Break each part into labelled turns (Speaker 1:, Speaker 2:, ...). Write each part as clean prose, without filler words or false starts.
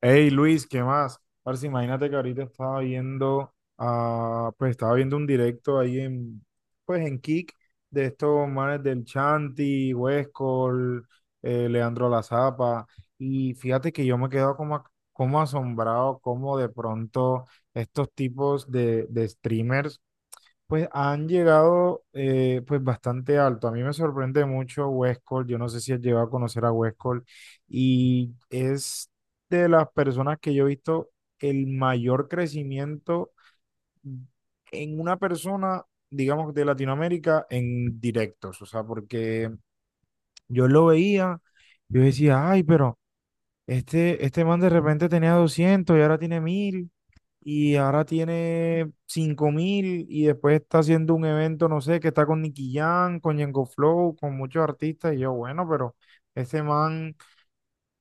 Speaker 1: Hey Luis, ¿qué más? Parce, imagínate que ahorita estaba viendo, ah, pues estaba viendo un directo ahí pues en Kick, de estos manes del Chanti, Huescol, Leandro La Zapa. Y fíjate que yo me quedo como, como asombrado, como de pronto estos tipos de streamers pues han llegado, pues bastante alto. A mí me sorprende mucho Westcol. Yo no sé si has llegado a conocer a Westcol. Y es de las personas que yo he visto el mayor crecimiento en una persona, digamos, de Latinoamérica en directos. O sea, porque yo lo veía, yo decía, ay, pero este man de repente tenía 200 y ahora tiene 1000 y ahora tiene 5000, y después está haciendo un evento, no sé, que está con Nicky Jam, con Yengo Flow, con muchos artistas, y yo, bueno, pero este man,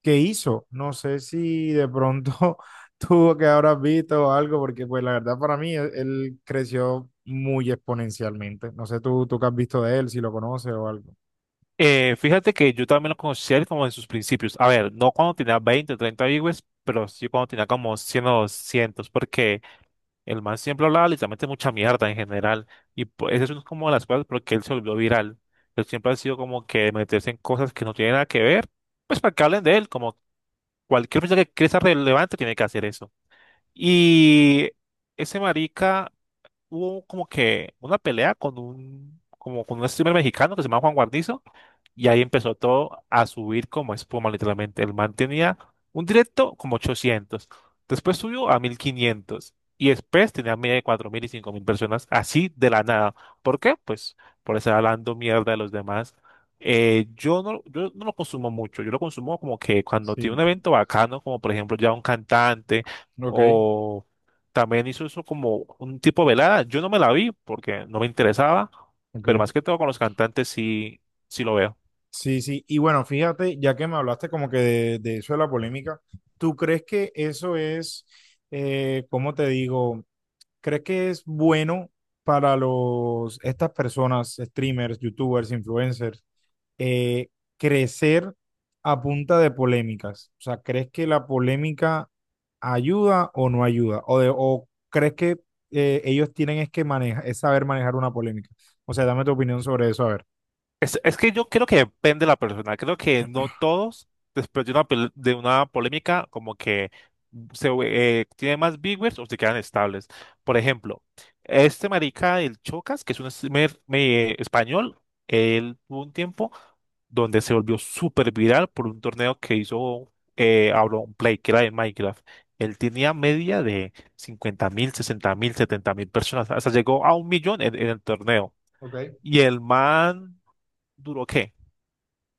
Speaker 1: ¿qué hizo? No sé si de pronto tuvo que habrás visto o algo, porque pues la verdad para mí él creció muy exponencialmente. No sé tú qué has visto de él, si lo conoces o algo.
Speaker 2: Fíjate que yo también lo conocí a él como en sus principios. A ver, no cuando tenía 20 o 30 viewers, pero sí cuando tenía como 100 o 200, porque el man siempre hablaba literalmente mucha mierda en general. Y pues eso es una como de las cosas porque él se volvió viral. Él siempre ha sido como que meterse en cosas que no tienen nada que ver, pues para que hablen de él, como cualquier persona que quiera ser relevante tiene que hacer eso. Y ese marica hubo como que una pelea como con un streamer mexicano que se llama Juan Guarnizo, y ahí empezó todo a subir como espuma, literalmente. El man tenía un directo como 800. Después subió a 1500. Y después tenía media de 4000 y 5000 personas, así de la nada. ¿Por qué? Pues por estar hablando mierda de los demás. Yo no, yo no lo consumo mucho. Yo lo consumo como que cuando tiene
Speaker 1: Sí,
Speaker 2: un evento bacano, como por ejemplo ya un cantante,
Speaker 1: ok,
Speaker 2: o también hizo eso como un tipo velada. Yo no me la vi porque no me interesaba, pero
Speaker 1: ok.
Speaker 2: más que todo con los cantantes sí, sí lo veo.
Speaker 1: Sí, sí. Y bueno, fíjate, ya que me hablaste como que de eso de la polémica, ¿tú crees que eso es, cómo te digo, crees que es bueno para estas personas, streamers, youtubers, influencers, eh, crecer a punta de polémicas? O sea, ¿crees que la polémica ayuda o no ayuda? ¿O, o crees que ellos tienen es que manejar, es saber manejar una polémica? O sea, dame tu opinión sobre eso, a ver.
Speaker 2: Es que yo creo que depende de la persona. Creo que no todos, después de una polémica, como que se tiene más viewers o se quedan estables. Por ejemplo, este marica del Chocas, que es un streamer español, él tuvo un tiempo donde se volvió súper viral por un torneo que hizo Auron Play, que era de Minecraft. Él tenía media de 50 mil, 60 mil, 70 mil personas, hasta llegó a un millón en, el torneo.
Speaker 1: Ok,
Speaker 2: Y el man, ¿duró qué?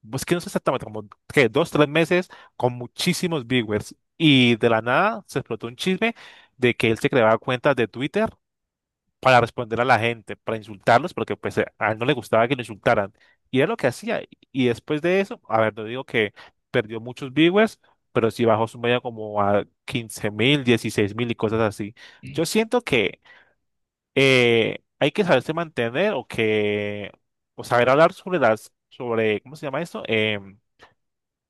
Speaker 2: Pues que no sé exactamente, como que dos, tres meses con muchísimos viewers. Y de la nada se explotó un chisme de que él se creaba cuentas de Twitter para responder a la gente, para insultarlos, porque pues a él no le gustaba que lo insultaran. Y era lo que hacía. Y después de eso, a ver, no digo que perdió muchos viewers, pero sí bajó su media como a 15.000, 16.000 y cosas así. Yo siento que hay que saberse mantener, o que, o saber hablar sobre las, sobre, ¿cómo se llama esto?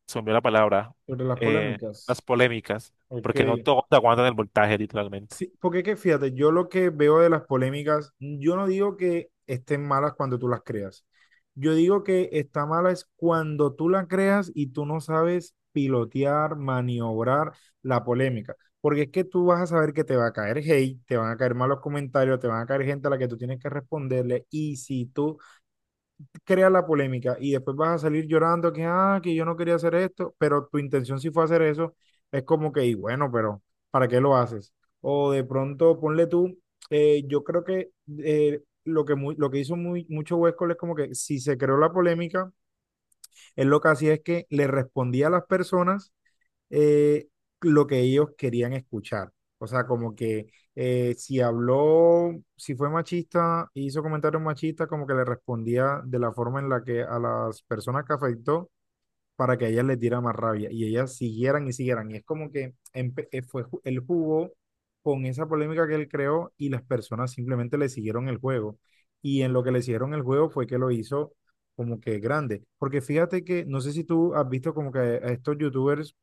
Speaker 2: Se me olvidó la palabra,
Speaker 1: sobre las
Speaker 2: eh, las
Speaker 1: polémicas.
Speaker 2: polémicas,
Speaker 1: Ok.
Speaker 2: porque no todos aguantan el voltaje, literalmente.
Speaker 1: Sí, porque que fíjate, yo lo que veo de las polémicas, yo no digo que estén malas cuando tú las creas. Yo digo que está mala es cuando tú la creas y tú no sabes pilotear, maniobrar la polémica. Porque es que tú vas a saber que te va a caer hate, te van a caer malos comentarios, te van a caer gente a la que tú tienes que responderle. Y si tú crea la polémica y después vas a salir llorando que, ah, que yo no quería hacer esto, pero tu intención sí fue hacer eso, es como que, y bueno, pero ¿para qué lo haces? O de pronto, ponle tú, yo creo que lo que, lo que hizo mucho Huescol es como que si se creó la polémica, él lo que hacía es que le respondía a las personas eh, lo que ellos querían escuchar. O sea, como que si habló, si fue machista, hizo comentarios machistas, como que le respondía de la forma en la que a las personas que afectó para que a ellas les diera más rabia y ellas siguieran y siguieran. Y es como que el jugó con esa polémica que él creó y las personas simplemente le siguieron el juego. Y en lo que le siguieron el juego fue que lo hizo como que grande. Porque fíjate que, no sé si tú has visto como que a estos youtubers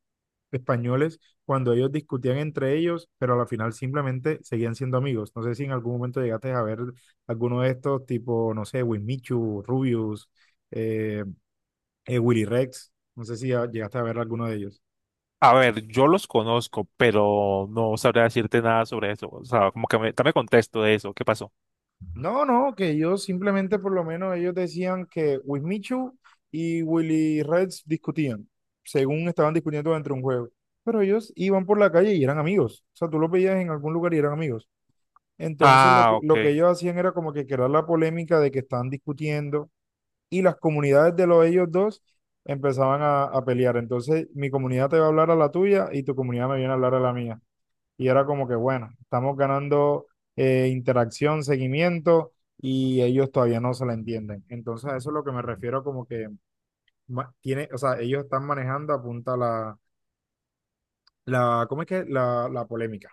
Speaker 1: españoles cuando ellos discutían entre ellos, pero a la final simplemente seguían siendo amigos. No sé si en algún momento llegaste a ver alguno de estos, tipo, no sé, Winmichu, Rubius, eh, Willy Rex. No sé si llegaste a ver alguno de ellos.
Speaker 2: A ver, yo los conozco, pero no sabría decirte nada sobre eso. O sea, como que me, dame contexto de eso. ¿Qué pasó?
Speaker 1: No, no, que ellos simplemente, por lo menos, ellos decían que Wismichu y Willy Rex discutían, según estaban discutiendo dentro de un juego. Pero ellos iban por la calle y eran amigos. O sea, tú los veías en algún lugar y eran amigos. Entonces lo
Speaker 2: Ah,
Speaker 1: que, lo que
Speaker 2: ok.
Speaker 1: ellos hacían era como que crear la polémica de que estaban discutiendo, y las comunidades de los ellos dos empezaban a pelear. Entonces mi comunidad te va a hablar a la tuya y tu comunidad me viene a hablar a la mía. Y era como que, bueno, estamos ganando interacción, seguimiento, y ellos todavía no se la entienden. Entonces a eso es lo que me refiero como que tiene, o sea, ellos están manejando apunta la, la, ¿cómo es que? La polémica.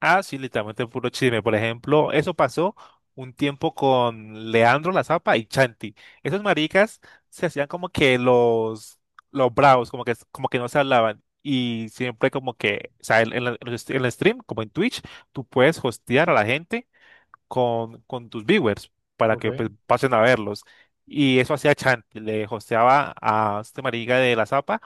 Speaker 2: Ah, sí, literalmente puro chisme. Por ejemplo, eso pasó un tiempo con Leandro La Zapa y Chanti. Esos maricas se hacían como que los bravos, como que no se hablaban. Y siempre como que, o sea, en el stream, como en Twitch, tú puedes hostear a la gente con tus viewers para que
Speaker 1: ¿Ok?
Speaker 2: pues, pasen a verlos. Y eso hacía Chanti, le hosteaba a este marica de la Zapa,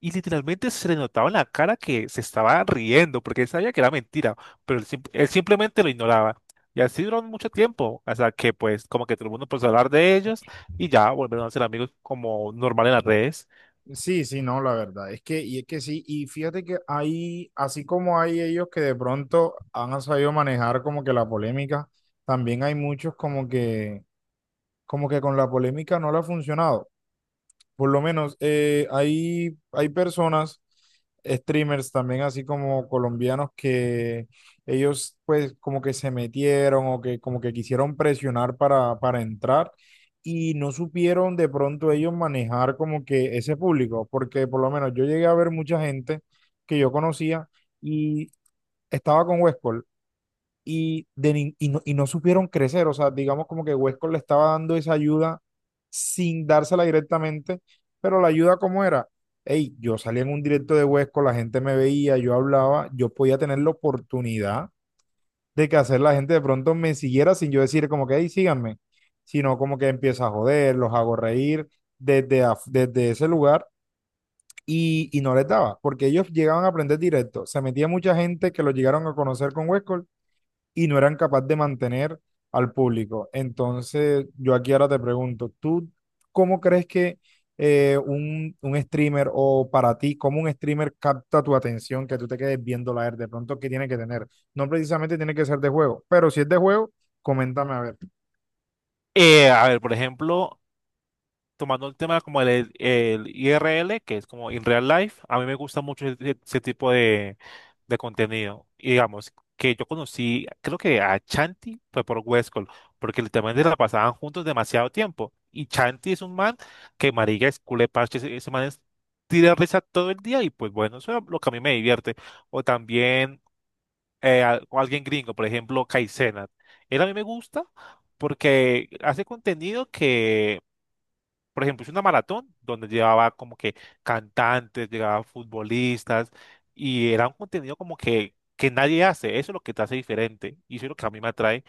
Speaker 2: y literalmente se le notaba en la cara que se estaba riendo porque él sabía que era mentira, pero él simplemente lo ignoraba. Y así duró mucho tiempo, hasta que pues como que todo el mundo empezó a hablar de ellos y ya volvieron a ser amigos como normal en las redes.
Speaker 1: Sí, sí, no, la verdad es que, y es que sí, y fíjate que hay, así como hay ellos que de pronto han sabido manejar como que la polémica, también hay muchos como que con la polémica no le ha funcionado. Por lo menos hay personas, streamers también, así como colombianos, que ellos pues como que se metieron o que como que quisieron presionar para entrar y no supieron de pronto ellos manejar como que ese público, porque por lo menos yo llegué a ver mucha gente que yo conocía y estaba con Westcol, y, no, y no supieron crecer. O sea, digamos como que Westcott le estaba dando esa ayuda sin dársela directamente, pero la ayuda como era, hey, yo salía en un directo de Westcott, la gente me veía, yo hablaba, yo podía tener la oportunidad de que hacer la gente de pronto me siguiera sin yo decir como que, hey, síganme, sino como que empieza a joder, los hago reír desde, desde ese lugar. Y no les daba, porque ellos llegaban a aprender directo. Se metía mucha gente que lo llegaron a conocer con Westcott y no eran capaces de mantener al público. Entonces, yo aquí ahora te pregunto, ¿tú cómo crees que un streamer o para ti, cómo un streamer capta tu atención, que tú te quedes viendo la de pronto, qué tiene que tener? No precisamente tiene que ser de juego, pero si es de juego, coméntame a ver.
Speaker 2: A ver, por ejemplo, tomando el tema como el IRL, que es como in real life, a mí me gusta mucho ese tipo de contenido. Y digamos que yo conocí, creo que a Chanti fue por Westcol, porque literalmente la pasaban juntos demasiado tiempo. Y Chanti es un man que marica es culé parche, ese man es tira risa todo el día y pues bueno, eso es lo que a mí me divierte. O también o alguien gringo, por ejemplo, Kai Cenat. Él a mí me gusta porque hace contenido que, por ejemplo, hice una maratón donde llevaba como que cantantes, llevaba futbolistas, y era un contenido como que nadie hace. Eso es lo que te hace diferente y eso es lo que a mí me atrae.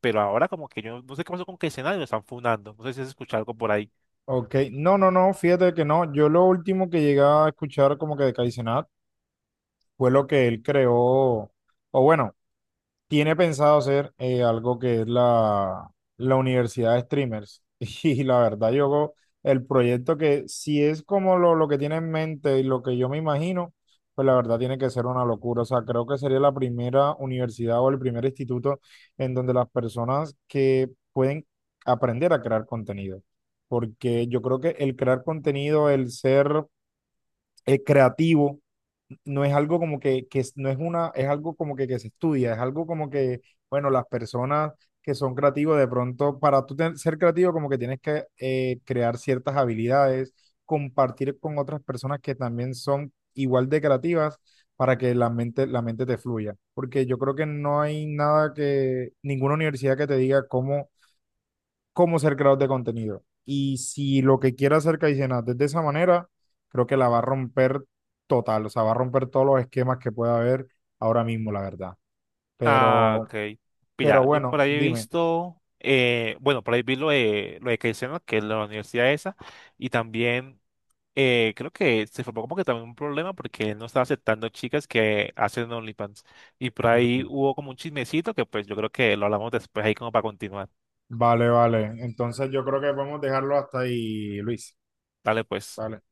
Speaker 2: Pero ahora como que yo no sé qué pasó con que escenario lo están fundando. No sé si has escuchado algo por ahí.
Speaker 1: Ok, no, no, no, fíjate que no, yo lo último que llegué a escuchar como que de Kaizenat fue lo que él creó, o bueno, tiene pensado hacer algo que es la universidad de streamers. Y la verdad, yo, el proyecto que si es como lo que tiene en mente y lo que yo me imagino, pues la verdad tiene que ser una locura. O sea, creo que sería la primera universidad o el primer instituto en donde las personas que pueden aprender a crear contenido. Porque yo creo que el crear contenido, el ser creativo, no es algo como que, no es una, es algo como que se estudia, es algo como que, bueno, las personas que son creativos, de pronto, para tú ser creativo, como que tienes que crear ciertas habilidades, compartir con otras personas que también son igual de creativas para que la mente te fluya. Porque yo creo que no hay nada ninguna universidad que te diga cómo ser creador de contenido. Y si lo que quiere hacer Caicenas es de esa manera, creo que la va a romper total, o sea, va a romper todos los esquemas que pueda haber ahora mismo, la verdad.
Speaker 2: Ah,
Speaker 1: Pero,
Speaker 2: ok.
Speaker 1: pero
Speaker 2: Mira, yo
Speaker 1: bueno,
Speaker 2: por ahí he
Speaker 1: dime.
Speaker 2: visto, bueno, por ahí vi lo de Keizena, que es la universidad esa, y también, creo que se formó como que también un problema porque él no estaba aceptando chicas que hacen OnlyFans. Y por ahí
Speaker 1: Ok.
Speaker 2: hubo como un chismecito que pues yo creo que lo hablamos después ahí como para continuar.
Speaker 1: Vale, vale. Entonces yo creo que podemos dejarlo hasta ahí, Luis.
Speaker 2: Dale pues.
Speaker 1: Vale.